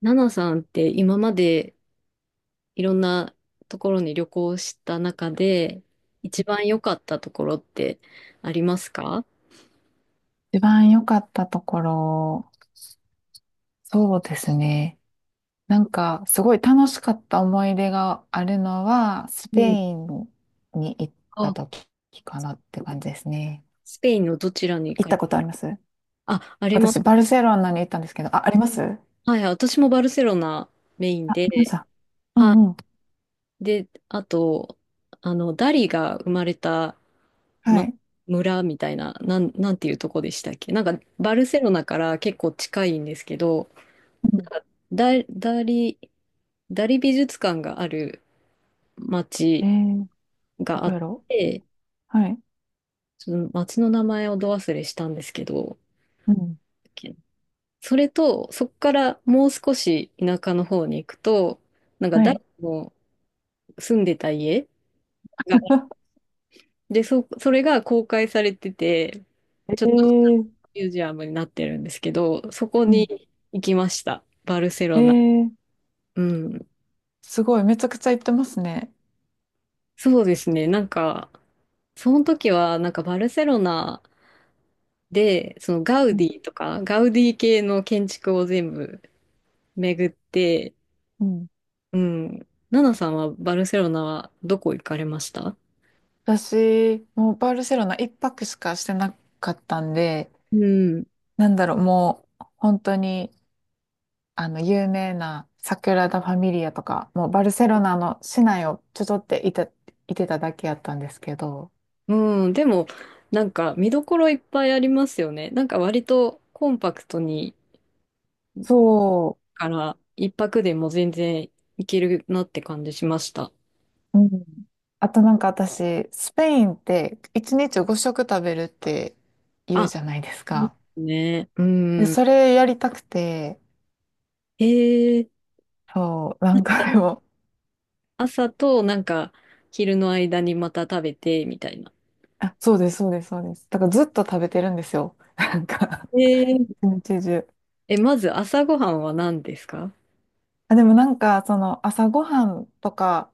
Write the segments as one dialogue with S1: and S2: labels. S1: ナナさんって今までいろんなところに旅行した中で一番良かったところってありますか？
S2: 一番良かったところ、そうですね。なんか、すごい楽しかった思い出があるのは、ス
S1: う
S2: ペ
S1: ん。
S2: インに行った
S1: あ、
S2: 時かなって感じですね。
S1: スペインのどちらに行
S2: 行っ
S1: か
S2: た
S1: れ、
S2: ことあります？
S1: あ、ありま
S2: 私、バ
S1: す。
S2: ルセロナに行ったんですけど、あ、あります。
S1: はい、私もバルセロナメイン
S2: あ、ありまし
S1: で、
S2: た。う
S1: は
S2: んうん。
S1: い。で、あと、ダリが生まれた、
S2: は
S1: ま、
S2: い。
S1: 村みたいな、なんていうとこでしたっけ？なんか、バルセロナから結構近いんですけど、
S2: うん。
S1: なんかダ、ダリ、ダリ美術館がある
S2: え
S1: 町
S2: ー、ど
S1: があ
S2: こ
S1: っ
S2: やろ。
S1: て、
S2: うはい。
S1: その町の名前をど忘れしたんですけど、
S2: うん。
S1: それと、そこからもう少し田舎の方に行くと、なんか
S2: は
S1: 誰
S2: い。
S1: も住んでた家が、で、それが公開されてて、
S2: え
S1: ちょっと
S2: ー、
S1: ミュージアムになってるんですけど、そこ
S2: う
S1: に
S2: ん。
S1: 行きました。バルセ
S2: え
S1: ロナ。
S2: ー、
S1: うん。
S2: すごい、めちゃくちゃ行ってますね。
S1: そうですね。なんか、その時は、なんかバルセロナで、そのガウ
S2: う
S1: デ
S2: ん。
S1: ィとか、ガウディ系の建築を全部巡って、
S2: うん、
S1: うん。ナナさんはバルセロナはどこ行かれました？
S2: 私、もうバルセロナ一泊しかしてなかったんで、
S1: うん。
S2: なんだろう、もう本当に、あの、有名なサグラダ・ファミリアとか、もうバルセロナの市内をちょっていて、いてただけやったんですけど、
S1: うん。でも、なんか見どころいっぱいありますよね。なんか割とコンパクトに、
S2: そ
S1: から一泊でも全然行けるなって感じしました。
S2: う、うん。あとなんか私、スペインって一日5食食べるって言う
S1: あ、
S2: じゃないですか。
S1: ね。う
S2: で、
S1: ん。
S2: それやりたくて、
S1: へえー、
S2: そう、なんかでも、
S1: 朝となんか昼の間にまた食べてみたいな。
S2: あ、そうです、そうです、そうです。だからずっと食べてるんですよ。なんか
S1: えー、
S2: 一日中。
S1: え、まず朝ごはんは何ですか？
S2: あ、でもなんか、その朝ごはんとか、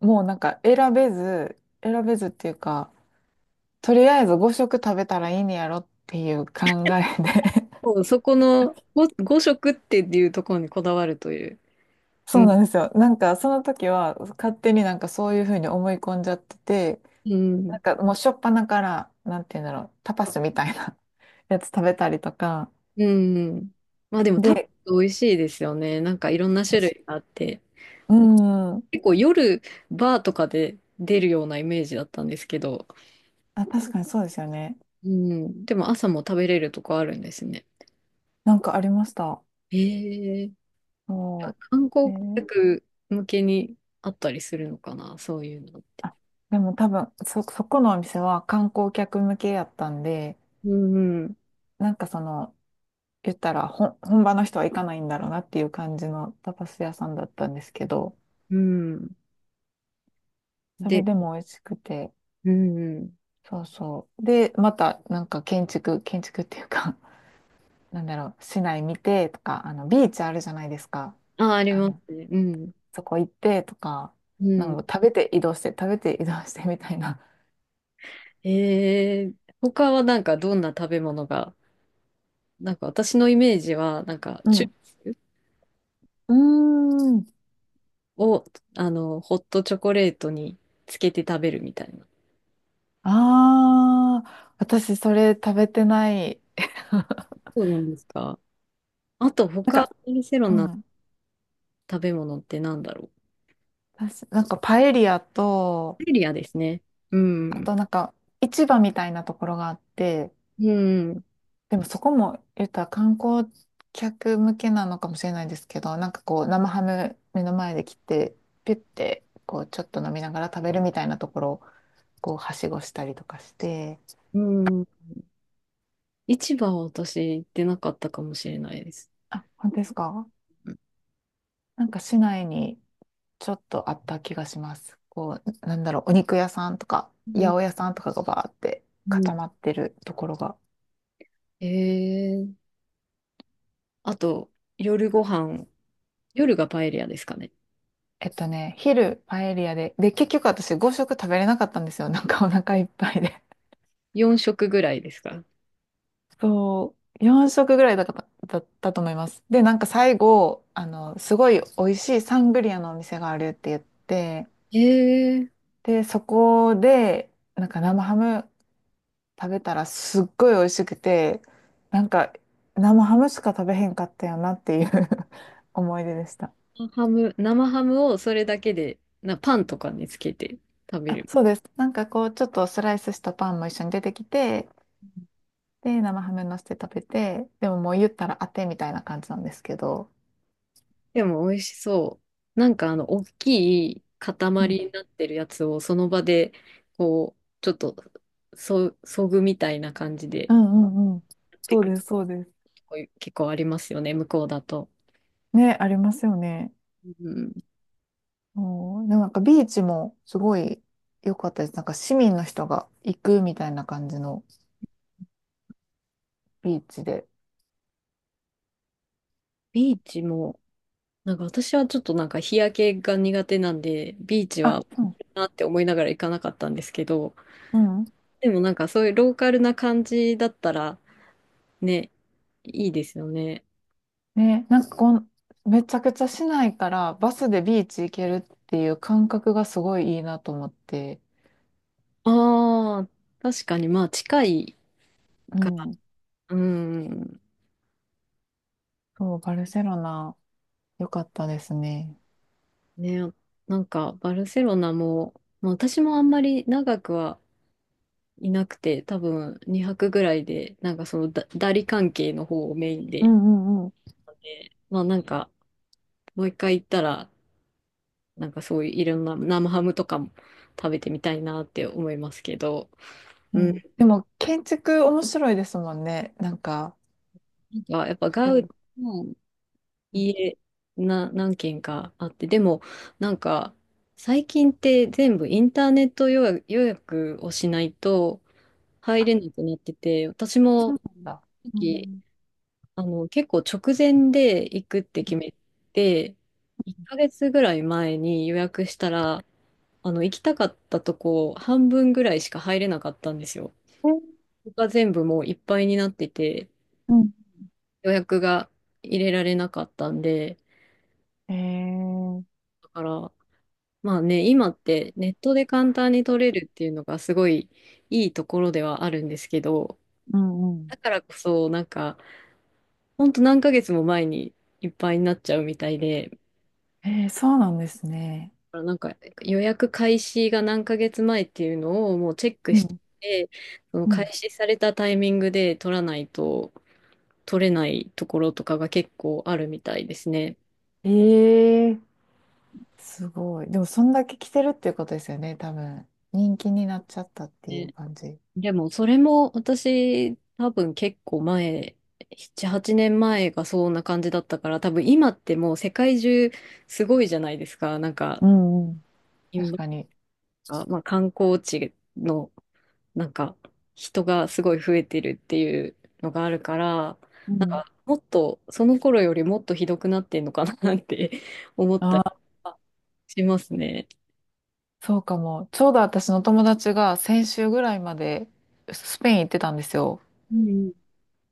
S2: もうなんか選べず、選べずっていうか、とりあえず5食食べたらいいんやろっていう考えで。
S1: そうそこのご5食っていうところにこだわるという。う
S2: そう
S1: ん。
S2: なんですよ。なんかその時は勝手になんかそういうふうに思い込んじゃってて、
S1: う
S2: な
S1: ん。
S2: んかもうしょっぱなから、なんて言うんだろう、タパスみたいな やつ食べたりとか、
S1: うん。まあでも多分
S2: で、
S1: 美味しいですよね。なんかいろんな種類があって。
S2: うん、
S1: 結構夜バーとかで出るようなイメージだったんですけど。
S2: あ、確かにそうですよね。
S1: うん。でも朝も食べれるとこあるんですね。
S2: なんかありました。
S1: えー、
S2: そう。
S1: 観光客向けにあったりするのかな、そういうの。
S2: あ、でも多分そこのお店は観光客向けやったんで、
S1: うん、
S2: なんかその、言ったら本場の人は行かないんだろうなっていう感じのタパス屋さんだったんですけど、
S1: うん。
S2: それ
S1: で、
S2: でも美味しくて、
S1: うん。
S2: そうそう。で、またなんか建築、建築っていうか なんだろう、市内見てとか、あの、ビーチあるじゃないですか。
S1: あ、あり
S2: あ
S1: ます
S2: の、
S1: ね。うん、
S2: そこ行ってとか、
S1: う
S2: な
S1: ん。
S2: んか食べて移動して、食べて移動してみたいな。
S1: えー、他はなんかどんな食べ物が、なんか私のイメージは、なんか、
S2: う
S1: チュ
S2: ん。うーん。
S1: を、ホットチョコレートにつけて食べるみたいな。
S2: ああ、私それ食べてない。
S1: そうなんですか。あと、
S2: なん
S1: 他、
S2: か、
S1: バルセロ
S2: う
S1: ナの
S2: ん。
S1: 食べ物ってなんだろ
S2: 私、なんかパエリアと、
S1: う。パエリアですね。う
S2: あ
S1: ん、
S2: となんか市場みたいなところがあって、
S1: うん、
S2: でもそこも言ったら観光客向けなのかもしれないですけど、なんかこう生ハム目の前で切って、ピュッてこうちょっと飲みながら食べるみたいなところをこうはしごしたりとかして、
S1: うん。市場は私行ってなかったかもしれないです。
S2: あ、本当ですか？
S1: う
S2: なんか市内にちょっとあった気がします。こう、なんだろう、お肉屋さんとか、八
S1: ん、
S2: 百屋さんとかがバーって
S1: うん。
S2: 固まってるところが。
S1: えーあと、夜ご飯、夜がパエリアですかね？
S2: えっとね、昼パエリアで、で、結局私5食食べれなかったんですよ。なんかお腹いっぱいで。
S1: 4食ぐらいですか？
S2: そう、4食ぐらいだったと思います。で、なんか最後、あの、すごい美味しいサングリアのお店があるって言って、
S1: えー、
S2: で、そこで、なんか生ハム食べたらすっごい美味しくて、なんか生ハムしか食べへんかったよなっていう 思い出でした。
S1: 生ハムをそれだけで、パンとかにつけて食べ
S2: あ、
S1: る。
S2: そうです。なんかこう、ちょっとスライスしたパンも一緒に出てきて、で、生ハム乗せて食べて、でももう言ったら当てみたいな感じなんですけど。
S1: でも美味しそう。なんか大きい
S2: う
S1: 塊
S2: ん
S1: になってるやつをその場で、こう、ちょっと、そぐみたいな感じで、
S2: うんうんうん。そうです、そうです。
S1: で結構ありますよね、向こうだと。
S2: ね、ありますよね。
S1: うん、
S2: うん。でもなんかビーチもすごい良かったです。なんか市民の人が行くみたいな感じのビーチで。
S1: ビーチも、なんか私はちょっとなんか日焼けが苦手なんで、ビーチ
S2: あ、
S1: は
S2: うん。
S1: なって思いながら行かなかったんですけど、
S2: うん。
S1: でもなんかそういうローカルな感じだったらね、いいですよね。
S2: ね、なんかめちゃくちゃ市内からバスでビーチ行けるっていう感覚がすごいいいなと思って。
S1: ああ、確かにまあ近い
S2: う
S1: から。
S2: ん。
S1: うん。
S2: そう、バルセロナ、良かったですね。
S1: ね、なんかバルセロナも、まあ、私もあんまり長くはいなくて、多分2泊ぐらいで、なんかそのダリ関係の方をメイン
S2: う
S1: で、
S2: んうんうん。
S1: ねまあなんかもう一回行ったらなんかそういういろんな生ハムとかも食べてみたいなって思いますけど、
S2: う
S1: うん、
S2: ん。でも、建築面白いですもんね。なんか、
S1: なんかやっぱガウ
S2: え
S1: デ
S2: え。
S1: ィの家何軒かあって、でもなんか最近って全部インターネット予約をしないと入れなくなってて、私も
S2: そ
S1: さ
S2: うなんだ。
S1: っ
S2: う
S1: き
S2: ん。
S1: 結構直前で行くって決めて、1ヶ月ぐらい前に予約したら、行きたかったとこ半分ぐらいしか入れなかったんですよ。
S2: え、
S1: が全部もういっぱいになってて、
S2: うん。
S1: 予約が入れられなかったんで、
S2: えー、
S1: だから、まあね、今ってネットで簡単に取れるっていうのがすごいいいところではあるんですけど、
S2: うんう
S1: だ
S2: ん。
S1: からこそ、なんか、ほんと何ヶ月も前にいっぱいになっちゃうみたいで、だ
S2: えー、そうなんですね。
S1: からなんか予約開始が何ヶ月前っていうのをもうチェック
S2: う
S1: し
S2: ん
S1: て、その
S2: う
S1: 開
S2: ん。
S1: 始されたタイミングで取らないと取れないところとかが結構あるみたいですね。
S2: ええ、すごい。でも、そんだけ着てるっていうことですよね、多分。人気になっちゃったっていう
S1: ね
S2: 感じ。
S1: でも、それも私、多分結構前、7、8年前がそんな感じだったから、多分今ってもう世界中すごいじゃないですか。なんか、
S2: うんうん。確
S1: 今、
S2: かに。
S1: まあ観光地の、なんか、人がすごい増えてるっていうのがあるから、
S2: う
S1: なん
S2: ん。
S1: か、もっと、その頃よりもっとひどくなってんのかなって 思った
S2: あ
S1: り
S2: あ、
S1: しますね。
S2: そうかも。ちょうど私の友達が先週ぐらいまでスペイン行ってたんですよ。
S1: うん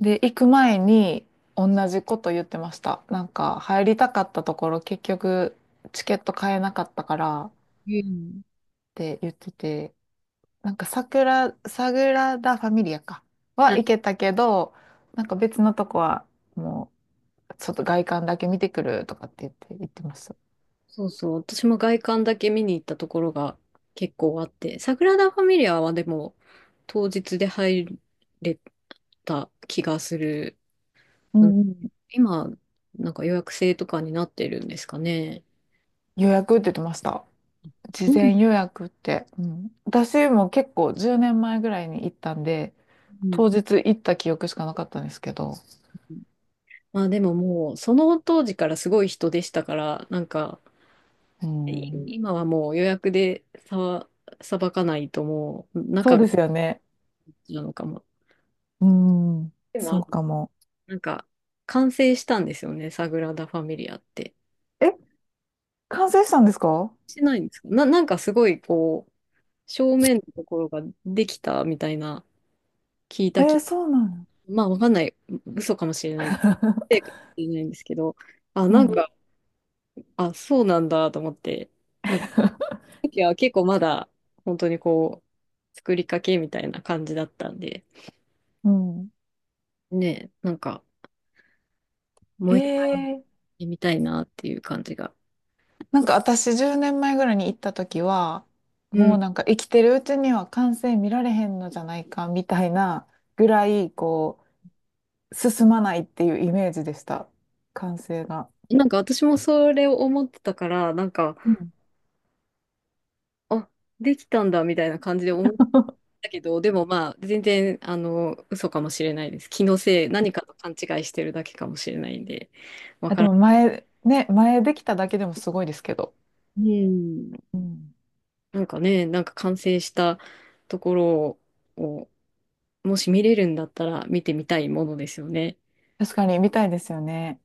S2: で、行く前に同じこと言ってました。なんか、入りたかったところ、結局、チケット買えなかったからっ
S1: うん。
S2: て言ってて、なんか、サグラダ・ファミリアか。は行けたけど、なんか別のとこは、もう、ちょっと外観だけ見てくるとかって言って、言ってました。
S1: そうそう。私も外観だけ見に行ったところが結構あって、サグラダ・ファミリアはでも当日で入れた気がする。
S2: う
S1: うん。
S2: んうん。
S1: 今、なんか予約制とかになってるんですかね？
S2: 予約って言ってました。事
S1: そう
S2: 前予約って。うん、私も結構10年前ぐらいに行ったんで、
S1: うん
S2: 当日行った記憶しかなかったんですけど。
S1: まあでももう、その当時からすごい人でしたから、なんか、
S2: う
S1: い
S2: ん、
S1: 今はもう予約でさばかないともう、
S2: そ
S1: 中
S2: う
S1: が
S2: ですよね。
S1: なのかも。
S2: うん、
S1: で
S2: そう
S1: も、
S2: かも。
S1: なんか、完成したんですよね、サグラダ・ファミリアって。
S2: え、完成したんですか？
S1: してないんですかな、なんかすごいこう、正面のところができたみたいな、
S2: えー、そうなの。
S1: まあわかんない、嘘かもしれない、ええか もしれないんですけど、あ、なん
S2: う
S1: か、あ、そうなんだと思って、なんかいや結構まだ本当にこう、作りかけみたいな感じだったんで、
S2: ん、うん。
S1: ねえ、なんかも
S2: え
S1: う一回
S2: ー
S1: 見たいなっていう感じが。
S2: なんか私10年前ぐらいに行った時は、
S1: う
S2: も
S1: ん。
S2: うなんか生きてるうちには完成見られへんのじゃないかみたいなぐらい、こう、進まないっていうイメージでした。完成が。
S1: なんか私もそれを思ってたから、なんか、
S2: うん。
S1: あ、できたんだみたいな感じで思っ たけど、でもまあ、全然、嘘かもしれないです。気のせい、何かと勘違いしてるだけかもしれないんで。
S2: あ、でも前、ね、前できただけでもすごいですけど。
S1: うん。
S2: うん。
S1: なんかね、なんか完成したところを、もし見れるんだったら見てみたいものですよね。
S2: 確かに見たいですよね。